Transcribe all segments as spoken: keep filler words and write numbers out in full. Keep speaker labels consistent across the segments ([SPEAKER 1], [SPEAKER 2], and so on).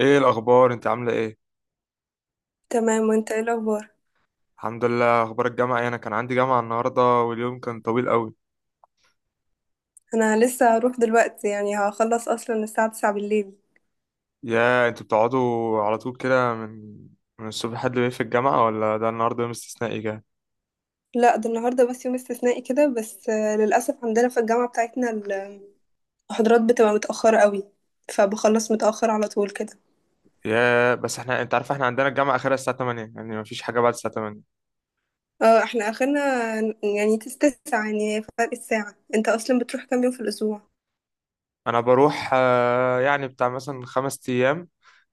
[SPEAKER 1] ايه الاخبار؟ انت عامله ايه؟
[SPEAKER 2] تمام، وانت ايه الاخبار؟
[SPEAKER 1] الحمد لله. اخبار الجامعه ايه؟ انا كان عندي جامعه النهارده واليوم كان طويل قوي.
[SPEAKER 2] انا لسه هروح دلوقتي، يعني هخلص اصلا الساعه تسعة بالليل.
[SPEAKER 1] يا انتوا بتقعدوا على طول كده من من الصبح لحد بالليل في الجامعه، ولا ده النهارده يوم استثنائي كده؟
[SPEAKER 2] لا، ده النهارده بس يوم استثنائي كده، بس آه، للاسف عندنا في الجامعه بتاعتنا المحاضرات بتبقى متاخره قوي، فبخلص متاخر على طول كده.
[SPEAKER 1] يا بس احنا، انت عارف، احنا عندنا الجامعه اخرها الساعه تمانية، يعني مفيش حاجه بعد الساعه ثمانية.
[SPEAKER 2] اه، احنا اخرنا يعني تسعة، يعني فرق الساعه. انت اصلا بتروح كام يوم في الاسبوع؟
[SPEAKER 1] انا بروح، آه، يعني بتاع مثلا خمس ايام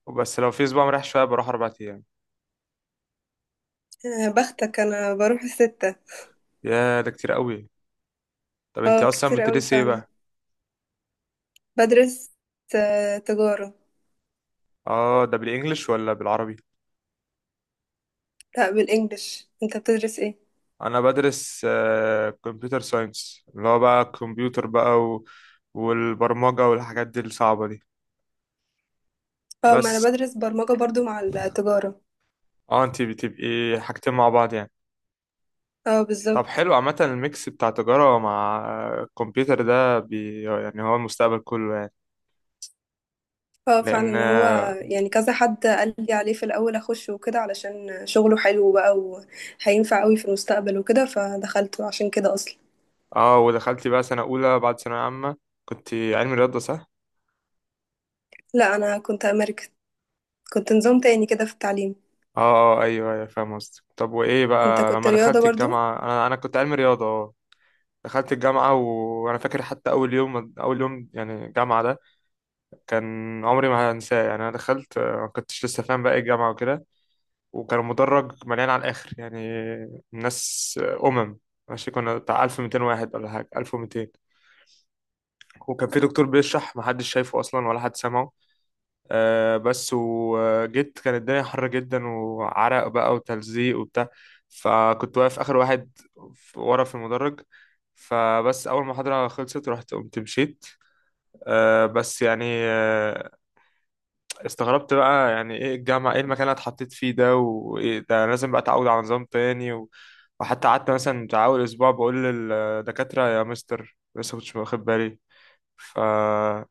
[SPEAKER 1] وبس. لو في اسبوع مريح شويه بروح اربع ايام.
[SPEAKER 2] آه، بختك، انا بروح الستة.
[SPEAKER 1] يا ده كتير قوي. طب انت
[SPEAKER 2] اه
[SPEAKER 1] اصلا
[SPEAKER 2] كتير قوي
[SPEAKER 1] بتدرسي ايه
[SPEAKER 2] فعلا.
[SPEAKER 1] بقى؟
[SPEAKER 2] بدرس آه، تجاره.
[SPEAKER 1] اه، ده بالانجلش ولا بالعربي؟
[SPEAKER 2] لا، بالانجلش. انت بتدرس ايه؟
[SPEAKER 1] انا بدرس كمبيوتر ساينس، اللي هو بقى الكمبيوتر بقى و... والبرمجة والحاجات دي الصعبة دي
[SPEAKER 2] اه، ما انا
[SPEAKER 1] بس.
[SPEAKER 2] بدرس برمجه برضو مع التجاره.
[SPEAKER 1] اه، انت بتبقي حاجتين مع بعض يعني.
[SPEAKER 2] اه
[SPEAKER 1] طب
[SPEAKER 2] بالظبط.
[SPEAKER 1] حلو، عامة الميكس بتاع تجارة مع الكمبيوتر ده، بي يعني هو المستقبل كله يعني.
[SPEAKER 2] اه فعلا،
[SPEAKER 1] لأن.
[SPEAKER 2] ما هو يعني كذا حد قال لي عليه في الاول اخش وكده علشان شغله حلو بقى وهينفع قوي في المستقبل وكده، فدخلته عشان كده اصلا.
[SPEAKER 1] اه، ودخلتي بقى سنة أولى بعد ثانوية عامة، كنت علمي رياضة، صح؟
[SPEAKER 2] لا، انا كنت امريكا، كنت نظام تاني كده في التعليم.
[SPEAKER 1] اه. اه، ايوه، ايوه، فاهم قصدك. طب وايه
[SPEAKER 2] انت
[SPEAKER 1] بقى
[SPEAKER 2] كنت
[SPEAKER 1] لما
[SPEAKER 2] رياضة
[SPEAKER 1] دخلت
[SPEAKER 2] برضو.
[SPEAKER 1] الجامعة؟ انا انا كنت علمي رياضة، اه. دخلت الجامعة وأنا فاكر حتى أول يوم، أول يوم يعني الجامعة ده كان عمري ما هنساه يعني. أنا دخلت، آه، ما كنتش لسه فاهم بقى إيه الجامعة وكده. وكان المدرج مليان على الآخر يعني، ناس، آه، أمم ماشي، كنا بتاع ألف ومتين واحد ولا حاجة، ألف ومئتين. وكان في دكتور بيشرح، محدش شايفه أصلا ولا حد سامعه. أه بس وجيت، كانت الدنيا حر جدا، وعرق بقى وتلزيق وبتاع. فكنت واقف آخر واحد ورا في المدرج، فبس اول ما المحاضره خلصت رحت قمت مشيت. آه، بس يعني، آه، استغربت بقى يعني ايه الجامعة، ايه المكان اللي أنا اتحطيت فيه ده، وايه ده؟ أنا لازم بقى اتعود على نظام تاني و... وحتى قعدت مثلا بتاع اول اسبوع بقول للدكاترة يا مستر لسه كنتش واخد بالي، فكان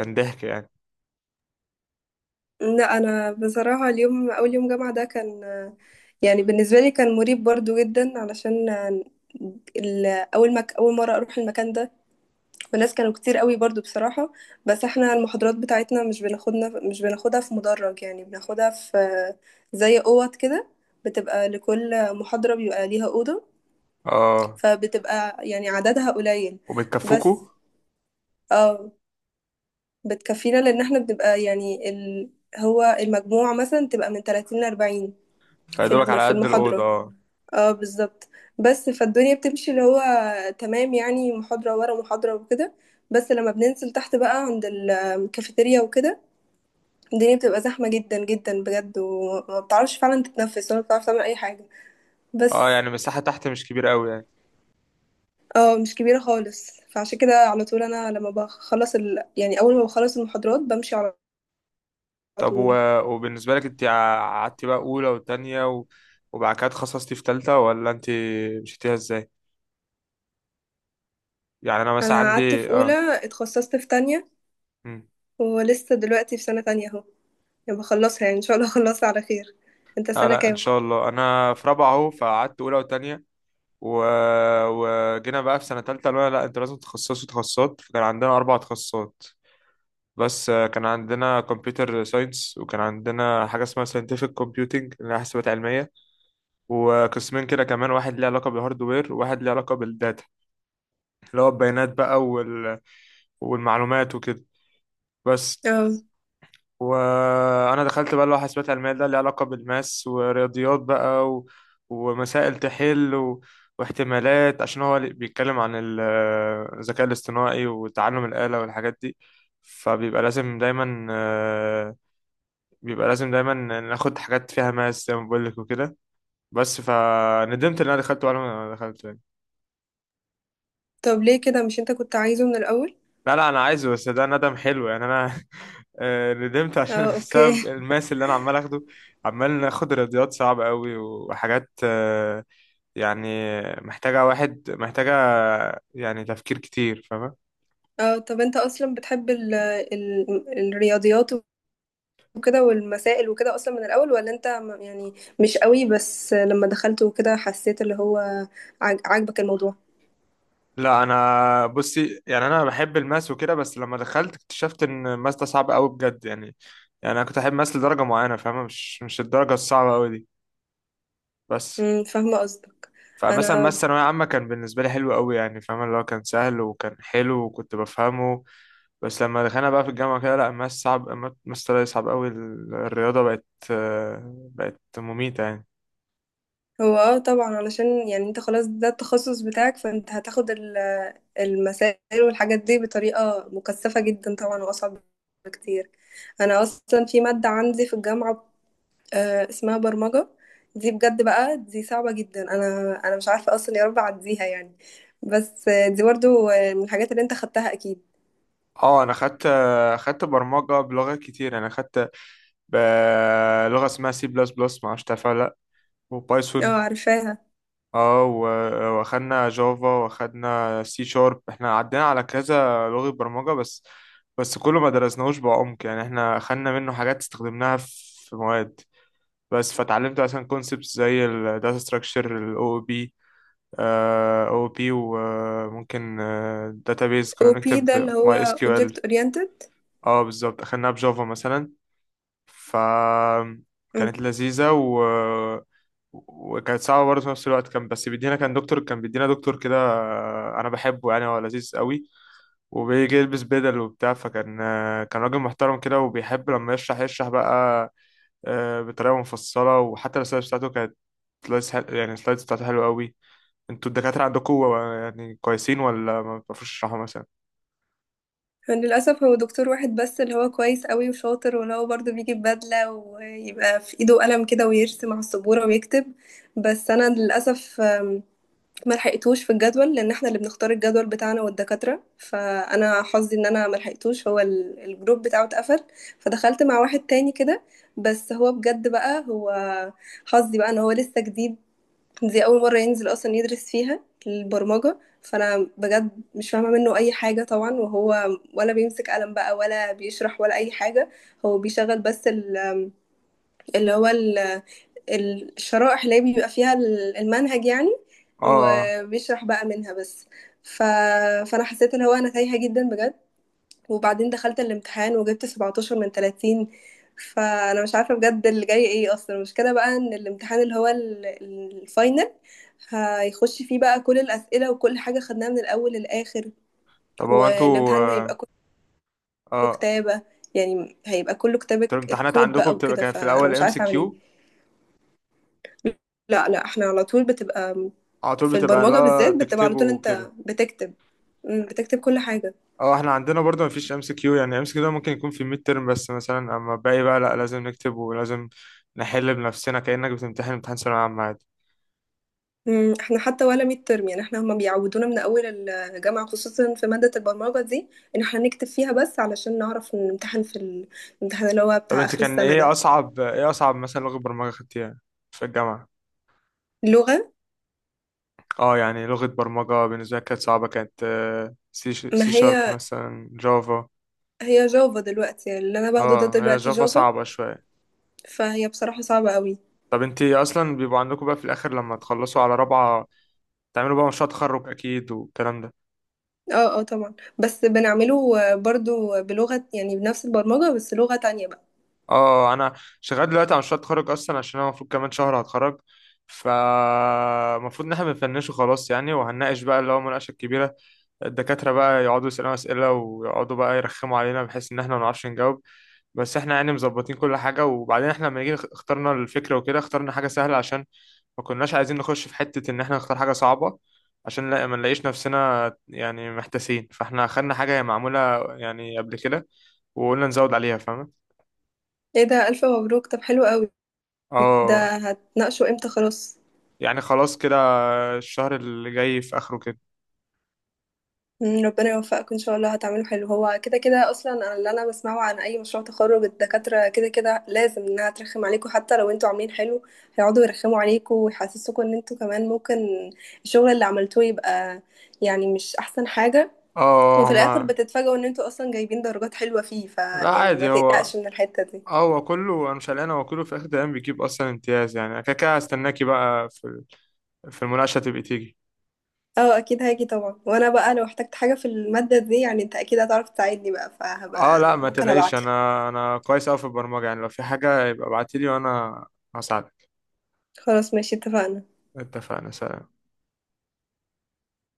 [SPEAKER 1] ضحك يعني.
[SPEAKER 2] لا، انا بصراحة اليوم اول يوم جامعة ده كان، يعني بالنسبة لي كان مريب برضو جدا، علشان ال- اول ما اول مرة اروح المكان ده، والناس كانوا كتير قوي برضو بصراحة. بس احنا المحاضرات بتاعتنا مش بناخدنا مش بناخدها في مدرج، يعني بناخدها في زي اوض كده. بتبقى لكل محاضرة بيبقى ليها أوضة،
[SPEAKER 1] اه،
[SPEAKER 2] فبتبقى يعني عددها قليل بس.
[SPEAKER 1] وبتكفوكوا؟
[SPEAKER 2] اه بتكفينا، لأن احنا بنبقى يعني ال... هو المجموع مثلا تبقى من ثلاثين ل أربعين في
[SPEAKER 1] فيدوبك
[SPEAKER 2] الم-
[SPEAKER 1] على
[SPEAKER 2] في
[SPEAKER 1] قد الأوضة،
[SPEAKER 2] المحاضرة.
[SPEAKER 1] اه.
[SPEAKER 2] اه بالظبط. بس فالدنيا بتمشي اللي هو تمام، يعني محاضرة ورا محاضرة وكده، بس لما بننزل تحت بقى عند الكافيتيريا وكده الدنيا بتبقى زحمة جدا جدا بجد، وما بتعرفش فعلا تتنفس ولا بتعرف تعمل أي حاجة
[SPEAKER 1] اه،
[SPEAKER 2] بس.
[SPEAKER 1] يعني المساحة تحت مش كبيرة قوي يعني.
[SPEAKER 2] اه مش كبيرة خالص، فعشان كده على طول أنا لما بخلص ال... يعني أول ما بخلص المحاضرات بمشي على
[SPEAKER 1] طب و...
[SPEAKER 2] طول.
[SPEAKER 1] وبالنسبة لك، انت قعدتي بقى أولى وتانية و... وبعد كده اتخصصتي في تالتة، ولا انت مشيتيها ازاي؟ يعني انا مثلا
[SPEAKER 2] أنا قعدت في
[SPEAKER 1] عندي، اه.
[SPEAKER 2] أولى، اتخصصت في تانية،
[SPEAKER 1] مم.
[SPEAKER 2] ولسه دلوقتي في سنة تانية أهو، يعني بخلصها، يعني إن شاء الله أخلصها على خير. أنت
[SPEAKER 1] لا،
[SPEAKER 2] سنة
[SPEAKER 1] لا، ان
[SPEAKER 2] كام؟
[SPEAKER 1] شاء الله انا في رابعه اهو. فقعدت اولى وتانية و... وجينا بقى في سنه تالتة، قالوا لنا لا انتوا لازم تتخصصوا تخصصات، فكان عندنا اربع تخصصات. بس آه، كان عندنا كمبيوتر ساينس، وكان عندنا حاجه اسمها ساينتفك كومبيوتنج اللي هي حسابات علميه. وقسمين كده كمان، واحد ليه علاقه بالهاردوير وواحد ليه علاقه بالداتا اللي هو البيانات بقى وال... والمعلومات وكده بس.
[SPEAKER 2] اه.
[SPEAKER 1] وانا دخلت بقى اللي هو حاسبات علميه ده، اللي علاقه بالماس ورياضيات بقى و... ومسائل تحل و... واحتمالات، عشان هو اللي بيتكلم عن ال- الذكاء الاصطناعي وتعلم الآلة والحاجات دي. فبيبقى لازم دايما آه، بيبقى لازم دايما ناخد حاجات فيها ماس زي ما بقول لك وكده بس. فندمت ان انا دخلت ولا ما دخلت.
[SPEAKER 2] طب ليه كده، مش انت كنت عايزه من الأول؟
[SPEAKER 1] لا، لا، انا عايزه، بس ده ندم حلو يعني، انا آه، ندمت عشان
[SPEAKER 2] اه اوكي.
[SPEAKER 1] بسبب الماس اللي انا عمال اخده. عمال ناخد رياضيات صعبة قوي وحاجات، آه، يعني محتاجة واحد محتاجة يعني تفكير كتير، فاهمة؟
[SPEAKER 2] اه، طب انت اصلا بتحب ال ال الرياضيات وكده والمسائل وكده اصلا من الأول، ولا انت م- يعني مش قوي، بس لما دخلت وكده حسيت اللي هو عاج- عاجبك الموضوع؟
[SPEAKER 1] لا، انا بصي يعني، انا بحب الماس وكده، بس لما دخلت اكتشفت ان الماس ده صعب قوي بجد يعني. يعني انا كنت احب ماس لدرجة معينة، فاهمة؟ مش مش الدرجة الصعبة قوي دي بس.
[SPEAKER 2] امم، فاهمة قصدك.
[SPEAKER 1] فمثلا ما
[SPEAKER 2] انا.
[SPEAKER 1] الثانوية عامة كان بالنسبة لي حلو قوي يعني، فاهم؟ اللي هو كان سهل وكان حلو وكنت بفهمه. بس لما دخلنا بقى في الجامعة كده، لا، الماس صعب. الماس طلع صعب قوي. ال- الرياضة بقت، آه، بقت مميتة يعني.
[SPEAKER 2] هو اه طبعا، علشان يعني انت خلاص ده التخصص بتاعك، فانت هتاخد ال- المسائل والحاجات دي بطريقة مكثفة جدا طبعا، واصعب بكتير. انا اصلا في ماده عندي في الجامعه آه، اسمها برمجة، دي بجد بقى دي صعبة جدا. انا انا مش عارفة اصلا يا رب اعديها يعني. بس آه، دي برضو آه، من الحاجات اللي انت خدتها اكيد.
[SPEAKER 1] اه، انا خدت خدت برمجة بلغات كتير. انا خدت ب- لغة اسمها سي بلس بلس، معرفش تعرفها ولا لا.
[SPEAKER 2] اه
[SPEAKER 1] وبايثون.
[SPEAKER 2] عارفاها.
[SPEAKER 1] اه، و- واخدنا جافا، واخدنا سي شارب، احنا عدينا على كذا لغة برمجة بس. بس كله ما درسناهوش بعمق يعني. احنا خدنا منه حاجات استخدمناها في مواد بس. فتعلمت مثلا كونسبتس زي الداتا ستراكشر، الاو او بي او بي، وممكن داتابيز
[SPEAKER 2] او
[SPEAKER 1] كنا
[SPEAKER 2] بي ده
[SPEAKER 1] بنكتب
[SPEAKER 2] اللي
[SPEAKER 1] ماي اس
[SPEAKER 2] هو
[SPEAKER 1] كيو
[SPEAKER 2] object
[SPEAKER 1] ال.
[SPEAKER 2] oriented.
[SPEAKER 1] اه، بالظبط، اخدناها بجافا مثلا،
[SPEAKER 2] امم.
[SPEAKER 1] فكانت لذيذة و... وكانت صعبة برضه في نفس الوقت. كان بس بيدينا، كان دكتور، كان بيدينا دكتور كده، آه، أنا بحبه يعني، هو لذيذ قوي. وبيجي يلبس بدل وبتاع، فكان آه، كان راجل محترم كده، وبيحب لما يشرح يشرح بقى، آه، بطريقة مفصلة. وحتى السلايدز بتاعته كانت سلايدز حل... يعني السلايدز بتاعته حلوة قوي. انتوا الدكاترة عندكم يعني كويسين، ولا ما بتعرفوش تشرحوا مثلا؟
[SPEAKER 2] للاسف هو دكتور واحد بس اللي هو كويس قوي وشاطر، واللي هو برضو بيجي ببدلة ويبقى في ايده قلم كده ويرسم على السبورة ويكتب. بس انا للاسف ما لحقتوش في الجدول، لان احنا اللي بنختار الجدول بتاعنا والدكاتره، فانا حظي ان انا ما لحقتوش، هو ال- الجروب بتاعه اتقفل، فدخلت مع واحد تاني كده. بس هو بجد بقى، هو حظي بقى ان هو لسه جديد، دي اول مره ينزل اصلا يدرس فيها البرمجه. فانا بجد مش فاهمه منه اي حاجه طبعا، وهو ولا بيمسك قلم بقى ولا بيشرح ولا اي حاجه. هو بيشغل بس ال- اللي هو الشرائح اللي هي بيبقى فيها ال- المنهج يعني،
[SPEAKER 1] اه،
[SPEAKER 2] وبيشرح بقى منها بس. ف... فانا حسيت اللي هو انا تايهة جدا بجد، وبعدين دخلت الامتحان وجبت سبعة عشر من ثلاثين، فانا مش عارفة بجد اللي جاي ايه اصلا. المشكلة بقى ان الامتحان اللي هو ال- ال- الفاينل هيخش فيه بقى كل الأسئلة وكل حاجة خدناها من الأول للآخر،
[SPEAKER 1] طب هو انتوا،
[SPEAKER 2] والامتحان
[SPEAKER 1] اه،
[SPEAKER 2] هيبقى كله
[SPEAKER 1] آه،
[SPEAKER 2] كتابة، يعني هيبقى كله كتابة
[SPEAKER 1] انتوا الامتحانات
[SPEAKER 2] الكود
[SPEAKER 1] عندكم
[SPEAKER 2] بقى
[SPEAKER 1] بتبقى
[SPEAKER 2] وكده،
[SPEAKER 1] كانت في
[SPEAKER 2] فأنا
[SPEAKER 1] الأول
[SPEAKER 2] مش
[SPEAKER 1] ام سي
[SPEAKER 2] عارفة أعمل إيه.
[SPEAKER 1] كيو؟
[SPEAKER 2] لأ، لأ، إحنا على طول بتبقى م
[SPEAKER 1] على طول
[SPEAKER 2] في
[SPEAKER 1] بتبقى،
[SPEAKER 2] البرمجة
[SPEAKER 1] لا
[SPEAKER 2] بالذات بتبقى على
[SPEAKER 1] تكتبه
[SPEAKER 2] طول،
[SPEAKER 1] وكده.
[SPEAKER 2] أنت بتكتب، إمم، بتكتب كل حاجة.
[SPEAKER 1] اه، احنا عندنا برضه مفيش ام سي كيو. يعني ام سي كيو ده ممكن يكون في الميد ترم بس مثلا، اما باقي بقى لا، لازم نكتب ولازم نحل بنفسنا كأنك بتمتحن امتحان ثانوية عامة عادي.
[SPEAKER 2] إمم، إحنا حتى ولا midterm، يعني إحنا هُم بيعودونا من أول الجامعة خصوصًا في مادة البرمجة دي، إن إحنا نكتب فيها بس علشان نعرف نمتحن في ال الامتحان اللي هو
[SPEAKER 1] طب
[SPEAKER 2] بتاع
[SPEAKER 1] انت
[SPEAKER 2] آخر
[SPEAKER 1] كان
[SPEAKER 2] السنة
[SPEAKER 1] ايه
[SPEAKER 2] ده.
[SPEAKER 1] اصعب ايه اصعب مثلا لغة برمجة خدتيها في الجامعة؟
[SPEAKER 2] اللغة،
[SPEAKER 1] اه، يعني لغة برمجة بالنسبة لي كانت صعبة، كانت، آه، سي
[SPEAKER 2] ما
[SPEAKER 1] سي شارب
[SPEAKER 2] هي
[SPEAKER 1] مثلا، جافا.
[SPEAKER 2] هي Java دلوقتي، يعني اللي أنا باخده ده
[SPEAKER 1] اه، هي
[SPEAKER 2] دلوقتي
[SPEAKER 1] جافا
[SPEAKER 2] Java،
[SPEAKER 1] صعبة شوية.
[SPEAKER 2] فهي بصراحة صعبة أوي.
[SPEAKER 1] طب انت اصلا، بيبقوا عندكم بقى في الاخر لما تخلصوا على رابعة تعملوا بقى مشروع تخرج اكيد والكلام ده.
[SPEAKER 2] آه، آه طبعًا، بس بنعمله برضه بلغة، يعني بنفس البرمجة بس لغة تانية بقى.
[SPEAKER 1] اه، انا شغال دلوقتي على مشروع التخرج اصلا، عشان انا المفروض كمان شهر هتخرج. ف المفروض ان احنا بنفنشه خلاص يعني، وهنناقش بقى اللي هو مناقشه كبيره. الدكاتره بقى يقعدوا يسالونا اسئله، ويقعدوا بقى يرخموا علينا بحيث ان احنا ما نعرفش نجاوب. بس احنا يعني مظبطين كل حاجه. وبعدين احنا لما جينا اخترنا الفكره وكده، اخترنا حاجه سهله عشان ما كناش عايزين نخش في حته ان احنا نختار حاجه صعبه، عشان لا ما نلاقيش نفسنا يعني محتاسين. فاحنا خدنا حاجه هي معموله يعني قبل كده، وقلنا نزود عليها، فاهمه.
[SPEAKER 2] إيه ده! ألف مبروك، طب حلو أوي. ده
[SPEAKER 1] اه،
[SPEAKER 2] هتناقشه امتى خلاص؟
[SPEAKER 1] يعني خلاص كده. الشهر اللي جاي في اخره كده.
[SPEAKER 2] مم، ربنا يوفقك ان شاء الله هتعمله حلو، هو كده كده اصلا، أنا اللي انا بسمعه عن اي مشروع تخرج الدكاتره كده كده لازم انها ترخم عليكم، حتى لو انتوا عاملين حلو هيقعدوا يرخموا عليكم ويحسسوكوا ان انتوا كمان ممكن الشغل اللي عملتوه يبقى يعني مش احسن حاجه،
[SPEAKER 1] اه،
[SPEAKER 2] وفي الاخر
[SPEAKER 1] هما.
[SPEAKER 2] بتتفاجئوا ان انتوا اصلا جايبين درجات حلوه فيه،
[SPEAKER 1] لا،
[SPEAKER 2] فيعني ما
[SPEAKER 1] عادي، هو
[SPEAKER 2] تقلقش من الحته دي.
[SPEAKER 1] هو كله انا مش قلقان. هو كله في اخر الايام بيجيب اصلا امتياز يعني، أنا كده كده هستناكي بقى في في المناقشه تبقي تيجي.
[SPEAKER 2] اه اكيد هاجي طبعا، وانا بقى لو احتجت حاجه في الماده دي يعني انت اكيد هتعرف تساعدني بقى،
[SPEAKER 1] اه،
[SPEAKER 2] فهبقى
[SPEAKER 1] لا، ما
[SPEAKER 2] ممكن
[SPEAKER 1] تقلقيش. انا
[SPEAKER 2] ابعتلك.
[SPEAKER 1] انا كويس اوي في البرمجه يعني، لو في حاجه يبقى ابعتيلي وانا هساعدك.
[SPEAKER 2] خلاص ماشي اتفقنا.
[SPEAKER 1] اتفقنا. سلام.